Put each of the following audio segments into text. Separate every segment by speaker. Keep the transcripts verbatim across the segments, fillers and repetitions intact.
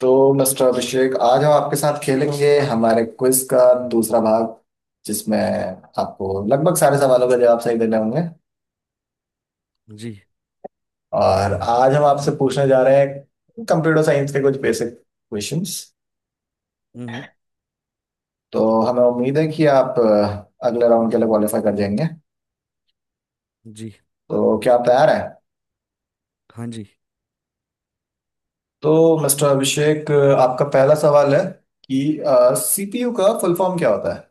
Speaker 1: तो मिस्टर अभिषेक आज हम आपके साथ खेलेंगे हमारे क्विज का दूसरा भाग, जिसमें आपको लगभग सारे सवालों के जवाब सही देने होंगे।
Speaker 2: जी।
Speaker 1: और आज हम आपसे पूछने जा रहे हैं कंप्यूटर साइंस के कुछ बेसिक क्वेश्चंस।
Speaker 2: हम्म।
Speaker 1: तो हमें उम्मीद है कि आप अ, अगले राउंड के लिए क्वालिफाई कर जाएंगे।
Speaker 2: जी।
Speaker 1: तो क्या आप
Speaker 2: शुक्रिया।
Speaker 1: तैयार हैं?
Speaker 2: हाँ जी।
Speaker 1: तो मिस्टर अभिषेक, अ, आपका पहला सवाल है कि सी पी यू का फुल फॉर्म क्या होता है?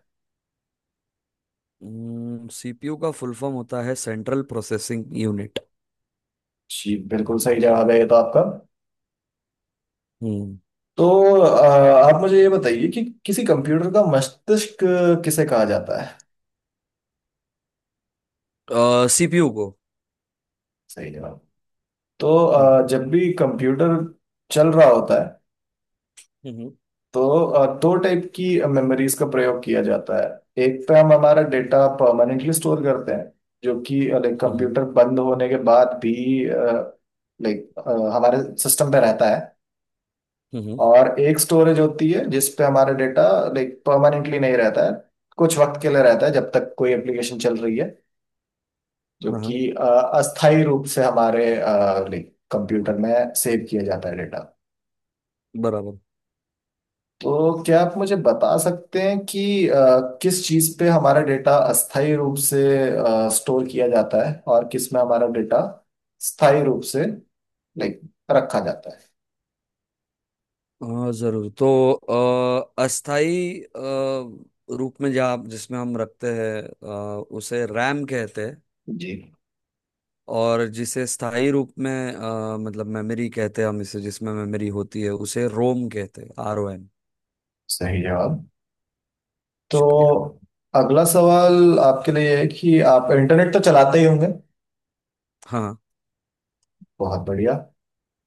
Speaker 2: सीपीयू का फुल फॉर्म होता है सेंट्रल प्रोसेसिंग यूनिट।
Speaker 1: जी, बिल्कुल सही जवाब है ये तो आपका।
Speaker 2: हम्म।
Speaker 1: तो अ, आप मुझे ये बताइए कि किसी कंप्यूटर का मस्तिष्क किसे कहा जाता है?
Speaker 2: सीपीयू को।
Speaker 1: सही जवाब। तो
Speaker 2: हम्म।
Speaker 1: अ, जब भी कंप्यूटर चल रहा होता है,
Speaker 2: हम्म।
Speaker 1: तो अ, दो टाइप की मेमोरीज का प्रयोग किया जाता है। एक पे हम हमारा डेटा परमानेंटली स्टोर करते हैं, जो कि लाइक
Speaker 2: हम्म।
Speaker 1: कंप्यूटर बंद होने के बाद भी लाइक हमारे सिस्टम पे रहता है।
Speaker 2: हम्म। हम्म।
Speaker 1: और एक स्टोरेज होती है जिस पे हमारा डेटा लाइक परमानेंटली नहीं रहता है, कुछ वक्त के लिए रहता है जब तक कोई एप्लीकेशन चल रही है, जो
Speaker 2: हाँ, हाँ।
Speaker 1: कि अ, अस्थायी रूप से हमारे अ, लाइक कंप्यूटर में सेव किया जाता है डेटा।
Speaker 2: बराबर।
Speaker 1: तो क्या आप मुझे बता सकते हैं कि अ, किस चीज़ पे हमारा डेटा अस्थायी रूप से स्टोर किया जाता है और किस में हमारा डेटा स्थायी रूप से लाइक रखा जाता है?
Speaker 2: हाँ, जरूर। तो अ, अस्थाई अ, रूप में जा जिसमें हम रखते हैं, अ, उसे रैम कहते हैं।
Speaker 1: जी,
Speaker 2: और जिसे स्थाई रूप में, अ, मतलब मेमोरी कहते हैं, हम इसे जिसमें मेमोरी होती है उसे रोम कहते हैं, आर ओ एम।
Speaker 1: सही जवाब। तो
Speaker 2: शुक्रिया।
Speaker 1: अगला सवाल आपके लिए है कि आप इंटरनेट तो चलाते ही होंगे।
Speaker 2: हाँ।
Speaker 1: बहुत बढ़िया।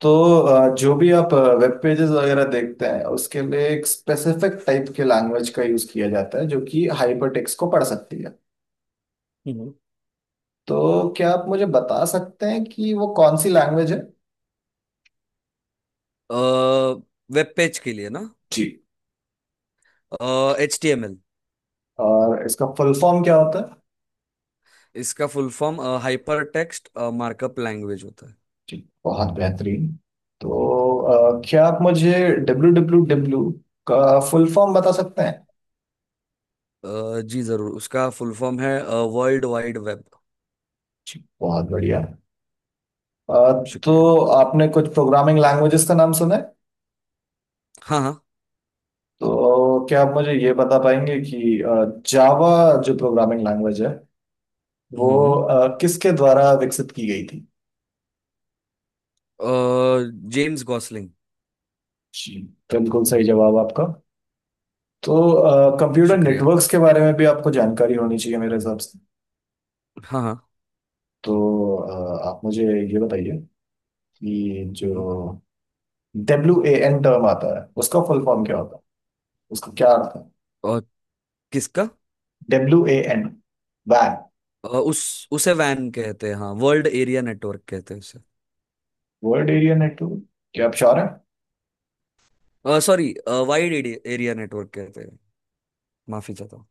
Speaker 1: तो अ, जो भी आप वेब पेजेस वगैरह देखते हैं, उसके लिए एक स्पेसिफिक टाइप के लैंग्वेज का यूज किया जाता है जो कि हाइपर टेक्स्ट को पढ़ सकती है।
Speaker 2: हम्म।
Speaker 1: तो क्या आप मुझे बता सकते हैं कि वो कौन सी लैंग्वेज है?
Speaker 2: वेब पेज के लिए ना?
Speaker 1: जी।
Speaker 2: H T M L.
Speaker 1: और इसका फुल फॉर्म क्या होता है?
Speaker 2: इसका full form hypertext markup language होता है।
Speaker 1: जी, बहुत बेहतरीन। तो अ, क्या आप मुझे डब्ल्यू डब्ल्यू डब्ल्यू का फुल फॉर्म बता सकते हैं?
Speaker 2: अ, जी, जरूर। उसका फुल फॉर्म है वर्ल्ड वाइड वेब।
Speaker 1: जी, बहुत बढ़िया। अ, तो
Speaker 2: शुक्रिया।
Speaker 1: आपने कुछ प्रोग्रामिंग लैंग्वेजेस का नाम सुना है।
Speaker 2: हाँ, हाँ।
Speaker 1: तो क्या आप मुझे ये बता पाएंगे कि जावा, जो प्रोग्रामिंग लैंग्वेज है, वो
Speaker 2: हम्म।
Speaker 1: अ, किसके द्वारा विकसित की गई थी?
Speaker 2: James Gosling.
Speaker 1: जी, बिल्कुल सही जवाब आपका। तो कंप्यूटर
Speaker 2: शुक्रिया।
Speaker 1: नेटवर्क्स के बारे में भी आपको जानकारी होनी चाहिए मेरे हिसाब से।
Speaker 2: हाँ, हाँ।
Speaker 1: तो अ, आप मुझे ये बताइए कि
Speaker 2: हम्म। हम्म।
Speaker 1: जो डब्ल्यू ए एन टर्म आता है, उसका फुल फॉर्म क्या होता है? उसका क्या अर्थ है?
Speaker 2: और? किसका?
Speaker 1: डब्ल्यू ए एन, वैन।
Speaker 2: अ, उस उसे वैन कहते हैं। हाँ, वर्ल्ड एरिया नेटवर्क कहते हैं उसे।
Speaker 1: World area network? क्या आप श्योर हैं?
Speaker 2: सॉरी। वाइड एरिया नेटवर्क कहते हैं। माफी चाहता हूँ।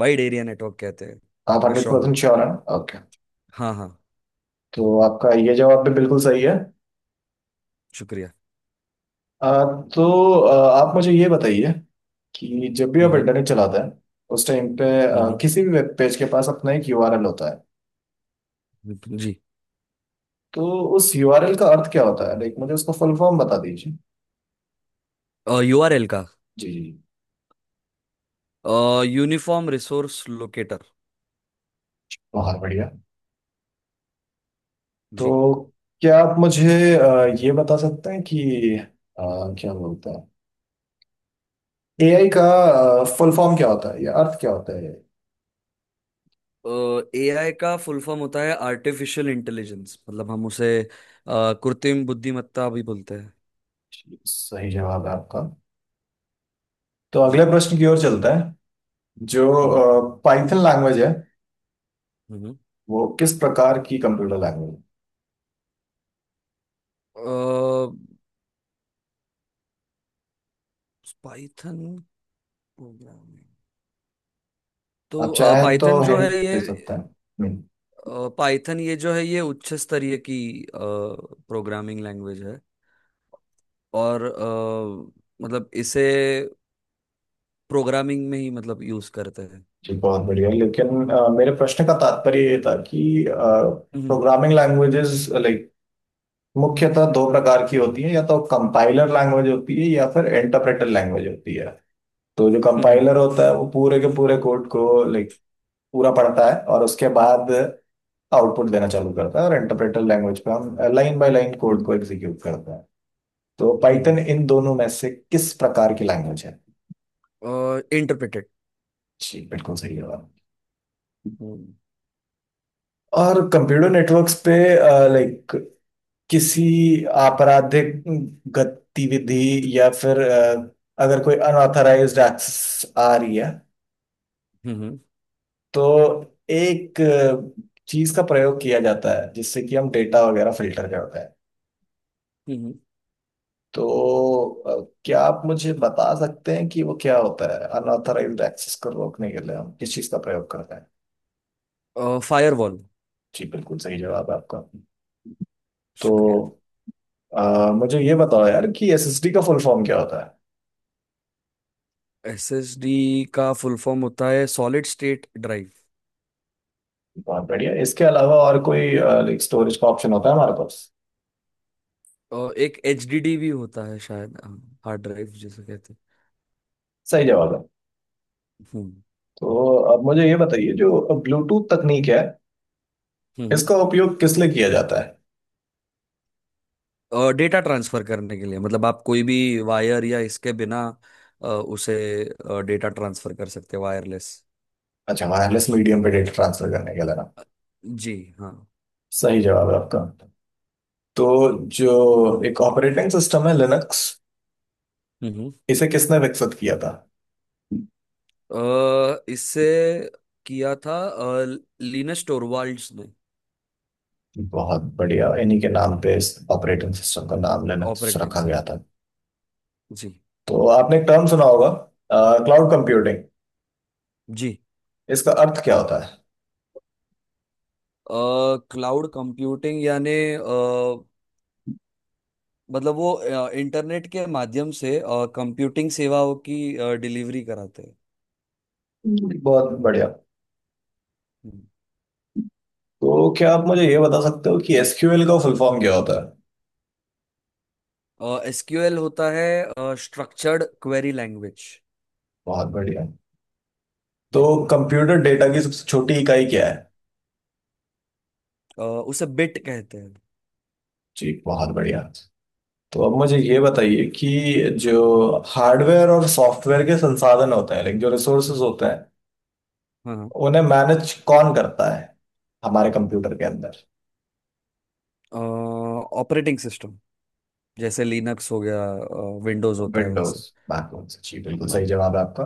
Speaker 2: वाइड एरिया नेटवर्क कहते हैं।
Speaker 1: आप
Speaker 2: मैं
Speaker 1: हंड्रेड
Speaker 2: श्योर हूँ।
Speaker 1: परसेंट श्योर हैं? ओके,
Speaker 2: हाँ, हाँ।
Speaker 1: तो आपका ये जवाब भी बिल्कुल सही है।
Speaker 2: शुक्रिया।
Speaker 1: आ, तो आ, आप मुझे ये बताइए कि जब भी
Speaker 2: हम्म
Speaker 1: आप
Speaker 2: हम्म।
Speaker 1: इंटरनेट चलाते हैं, उस टाइम पे आ,
Speaker 2: हम्म।
Speaker 1: किसी भी वेब पेज के पास अपना एक यू आर एल होता है।
Speaker 2: हम्म, जी।
Speaker 1: तो उस यू आर एल का अर्थ क्या होता है? लाइक मुझे उसका फुल फॉर्म बता दीजिए।
Speaker 2: यूआरएल का?
Speaker 1: जी जी।
Speaker 2: Uniform resource locator.
Speaker 1: बहुत बढ़िया।
Speaker 2: जी।
Speaker 1: तो क्या आप मुझे आ, ये बता सकते हैं कि आ, क्या बोलते हैं ए आई का? फुल फॉर्म क्या होता है या अर्थ क्या होता है?
Speaker 2: एआई का फुल फॉर्म होता है आर्टिफिशियल इंटेलिजेंस, मतलब हम उसे अ, कृत्रिम बुद्धिमत्ता भी बोलते हैं।
Speaker 1: जी, सही जवाब है आपका। तो अगले
Speaker 2: जी।
Speaker 1: प्रश्न की ओर चलता है।
Speaker 2: हम्म।
Speaker 1: जो पाइथन लैंग्वेज है,
Speaker 2: हम्म।
Speaker 1: वो किस प्रकार की कंप्यूटर लैंग्वेज?
Speaker 2: पाइथन। प्रोग्रामिंग।
Speaker 1: आप
Speaker 2: तो
Speaker 1: चाहें तो
Speaker 2: पाइथन जो
Speaker 1: हिंट
Speaker 2: है
Speaker 1: दे
Speaker 2: ये,
Speaker 1: सकते हैं। हम्म।
Speaker 2: पाइथन, ये जो है ये उच्च स्तरीय की प्रोग्रामिंग लैंग्वेज है। और अ, मतलब इसे प्रोग्रामिंग में ही मतलब यूज करते हैं।
Speaker 1: जी बहुत बढ़िया, लेकिन अ, मेरे प्रश्न का तात्पर्य ये था कि
Speaker 2: हम्म।
Speaker 1: प्रोग्रामिंग लैंग्वेजेस लाइक मुख्यतः दो प्रकार की होती है, या तो कंपाइलर लैंग्वेज होती है या फिर इंटरप्रेटर लैंग्वेज होती है। तो जो
Speaker 2: हम्म।
Speaker 1: कंपाइलर होता है वो पूरे के पूरे कोड को लाइक पूरा पढ़ता है और उसके बाद आउटपुट देना चालू करता है, और इंटरप्रेटर लैंग्वेज पे हम लाइन बाय लाइन कोड को एग्जीक्यूट करते हैं। तो
Speaker 2: हम्म।
Speaker 1: पाइथन इन दोनों में से किस प्रकार की लैंग्वेज है?
Speaker 2: और इंटरप्रेटेड।
Speaker 1: जी बिल्कुल सही जवाब।
Speaker 2: हम्म।
Speaker 1: और कंप्यूटर नेटवर्क्स पे लाइक किसी आपराधिक गतिविधि या फिर अ, अगर कोई अनऑथराइज्ड एक्सेस आ रही है,
Speaker 2: हम्म।
Speaker 1: तो एक चीज का प्रयोग किया जाता है जिससे कि हम डेटा वगैरह फिल्टर करते हैं।
Speaker 2: हम्म।
Speaker 1: तो अ, क्या आप मुझे बता सकते हैं कि वो क्या होता है? अनऑथराइज्ड एक्सेस को रोकने के लिए हम किस चीज का प्रयोग करते हैं?
Speaker 2: फायरवॉल।
Speaker 1: जी बिल्कुल सही जवाब है आपका।
Speaker 2: शुक्रिया।
Speaker 1: तो आ, मुझे ये बताओ यार कि एस एस डी का फुल फॉर्म क्या होता है?
Speaker 2: एसएसडी का फुल फॉर्म होता है सॉलिड स्टेट ड्राइव।
Speaker 1: बहुत बढ़िया। इसके अलावा और कोई लाइक स्टोरेज का ऑप्शन होता है हमारे पास?
Speaker 2: और एक एचडीडी भी होता है शायद, हार्ड ड्राइव जिसे कहते हैं।
Speaker 1: सही जवाब है।
Speaker 2: हम्म।
Speaker 1: तो अब मुझे ये बताइए, जो ब्लूटूथ तकनीक है,
Speaker 2: हम्म।
Speaker 1: इसका उपयोग किस लिए किया जाता है?
Speaker 2: और डेटा ट्रांसफर करने के लिए, मतलब आप कोई भी वायर या इसके बिना अ, उसे डेटा ट्रांसफर कर सकते हैं, वायरलेस।
Speaker 1: अच्छा, वायरलेस मीडियम पे डेटा ट्रांसफर करने के लिए ना।
Speaker 2: जी। हाँ।
Speaker 1: सही जवाब है आपका। तो जो एक ऑपरेटिंग सिस्टम है लिनक्स,
Speaker 2: हम्म।
Speaker 1: इसे किसने विकसित किया था?
Speaker 2: अ, इससे किया था लिनस टोरवाल्ड्स ने।
Speaker 1: बहुत बढ़िया, इन्हीं के नाम पे इस ऑपरेटिंग सिस्टम का नाम लिनक्स
Speaker 2: ऑपरेटिंग
Speaker 1: रखा गया
Speaker 2: सिस्टम।
Speaker 1: था।
Speaker 2: जी।
Speaker 1: तो आपने एक टर्म सुना होगा, क्लाउड कंप्यूटिंग।
Speaker 2: जी।
Speaker 1: इसका अर्थ क्या होता
Speaker 2: क्लाउड कंप्यूटिंग यानी अ, मतलब वो अ, इंटरनेट के माध्यम से कंप्यूटिंग सेवाओं की डिलीवरी कराते हैं।
Speaker 1: है? बहुत बढ़िया। तो क्या आप मुझे ये बता सकते हो कि एस क्यू एल का फुल फॉर्म क्या होता है?
Speaker 2: एसक्यूएल होता है स्ट्रक्चर्ड क्वेरी लैंग्वेज।
Speaker 1: बहुत बढ़िया। तो
Speaker 2: जी।
Speaker 1: कंप्यूटर डेटा की सबसे छोटी इकाई क्या है?
Speaker 2: अ, उसे बिट कहते हैं।
Speaker 1: जी बहुत बढ़िया। तो अब मुझे
Speaker 2: जी।
Speaker 1: ये बताइए कि जो हार्डवेयर और सॉफ्टवेयर के संसाधन होते हैं, लाइक जो रिसोर्सेज होते हैं,
Speaker 2: हाँ, हाँ।
Speaker 1: उन्हें मैनेज कौन करता है हमारे कंप्यूटर के अंदर?
Speaker 2: ऑपरेटिंग सिस्टम, जैसे लिनक्स हो गया, विंडोज होता है वैसे।
Speaker 1: विंडोज, मैकओएस, जी बिल्कुल सही
Speaker 2: हाँ।
Speaker 1: जवाब है आपका।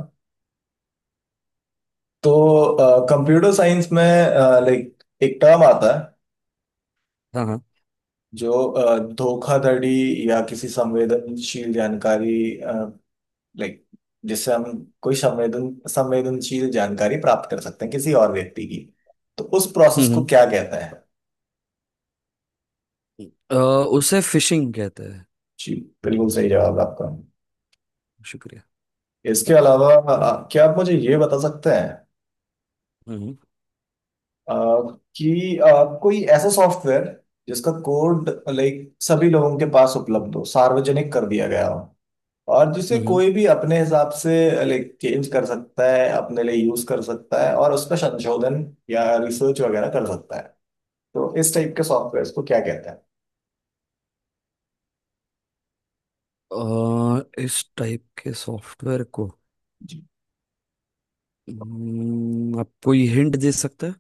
Speaker 1: तो कंप्यूटर साइंस में लाइक एक टर्म आता है
Speaker 2: हाँ, हाँ।
Speaker 1: जो अ, धोखाधड़ी या किसी संवेदनशील जानकारी लाइक जिससे हम कोई संवेदन संवेदनशील जानकारी प्राप्त कर सकते हैं किसी और व्यक्ति की, तो उस प्रोसेस
Speaker 2: हम्म।
Speaker 1: को
Speaker 2: हम्म।
Speaker 1: क्या कहता है?
Speaker 2: अ, उसे फिशिंग कहते हैं।
Speaker 1: जी बिल्कुल सही जवाब आपका।
Speaker 2: शुक्रिया।
Speaker 1: इसके अलावा अ, क्या आप मुझे ये बता सकते हैं
Speaker 2: हम्म।
Speaker 1: अ, कि अ, कोई ऐसा सॉफ्टवेयर जिसका कोड लाइक सभी लोगों के पास उपलब्ध हो, सार्वजनिक कर दिया गया हो, और जिसे
Speaker 2: हम्म। हम्म।
Speaker 1: कोई भी अपने हिसाब से लाइक चेंज कर सकता है, अपने लिए यूज कर सकता है, और उस पर संशोधन या रिसर्च वगैरह कर सकता है, तो इस टाइप के सॉफ्टवेयर को क्या कहते हैं?
Speaker 2: आ, इस टाइप के सॉफ्टवेयर को,
Speaker 1: जी
Speaker 2: हम्म, आप कोई हिंट दे सकते हैं?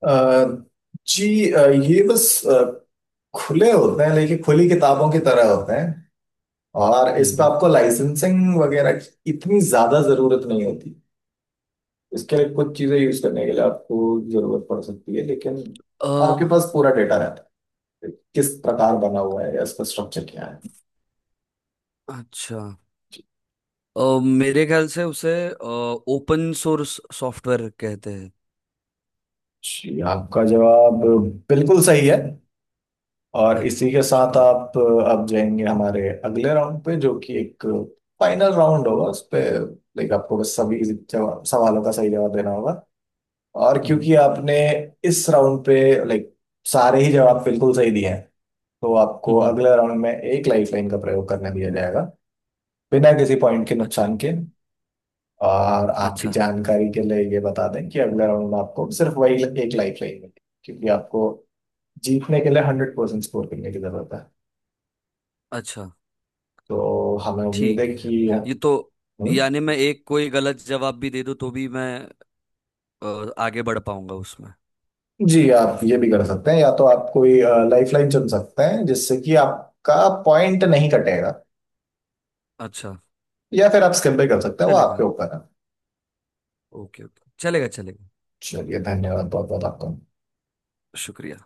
Speaker 1: अ, जी अ, ये बस अ, खुले होते हैं, लेकिन खुली किताबों की तरह होते हैं, और इस पे
Speaker 2: हम्म।
Speaker 1: आपको लाइसेंसिंग वगैरह की इतनी ज्यादा जरूरत नहीं होती। इसके लिए कुछ चीजें यूज करने के लिए आपको जरूरत पड़ सकती है, लेकिन
Speaker 2: आ,
Speaker 1: आपके पास पूरा डेटा रहता है किस प्रकार बना हुआ है या इसका स्ट्रक्चर क्या है।
Speaker 2: अच्छा। आ, मेरे ख्याल से उसे ओपन सोर्स सॉफ्टवेयर कहते हैं।
Speaker 1: जी, आपका जवाब बिल्कुल सही है। और
Speaker 2: अरे,
Speaker 1: इसी के साथ
Speaker 2: शुक्रिया।
Speaker 1: आप अब जाएंगे हमारे अगले राउंड पे, जो कि एक फाइनल राउंड होगा। उस पे लाइक आपको बस सभी जवाब सवालों का सही जवाब देना होगा। और
Speaker 2: हम्म।
Speaker 1: क्योंकि आपने इस राउंड पे लाइक सारे ही जवाब बिल्कुल सही दिए हैं, तो आपको
Speaker 2: हम्म।
Speaker 1: अगले राउंड में एक लाइफलाइन का प्रयोग करने दिया जाएगा, बिना किसी पॉइंट के
Speaker 2: अच्छा।
Speaker 1: नुकसान के। और आपकी
Speaker 2: अच्छा।
Speaker 1: जानकारी के लिए ये बता दें कि अगले राउंड में आपको सिर्फ वही एक लाइफलाइन मिलेगी, क्योंकि आपको जीतने के लिए हंड्रेड परसेंट स्कोर करने की जरूरत है।
Speaker 2: अच्छा।
Speaker 1: तो हमें उम्मीद है
Speaker 2: ठीक है।
Speaker 1: कि।
Speaker 2: ये तो,
Speaker 1: हम्म।
Speaker 2: यानी मैं एक कोई गलत जवाब भी दे दूं तो भी मैं अ, आगे बढ़ पाऊंगा उसमें?
Speaker 1: जी, आप ये भी कर सकते हैं, या तो आप कोई लाइफ लाइन चुन सकते हैं जिससे कि आपका पॉइंट नहीं कटेगा,
Speaker 2: अच्छा।
Speaker 1: या फिर आप स्किप भी कर सकते हैं, वो
Speaker 2: चलेगा।
Speaker 1: आपके ऊपर है।
Speaker 2: ओके, ओके, चलेगा, चलेगा।
Speaker 1: चलिए, धन्यवाद बहुत बहुत आपका।
Speaker 2: शुक्रिया।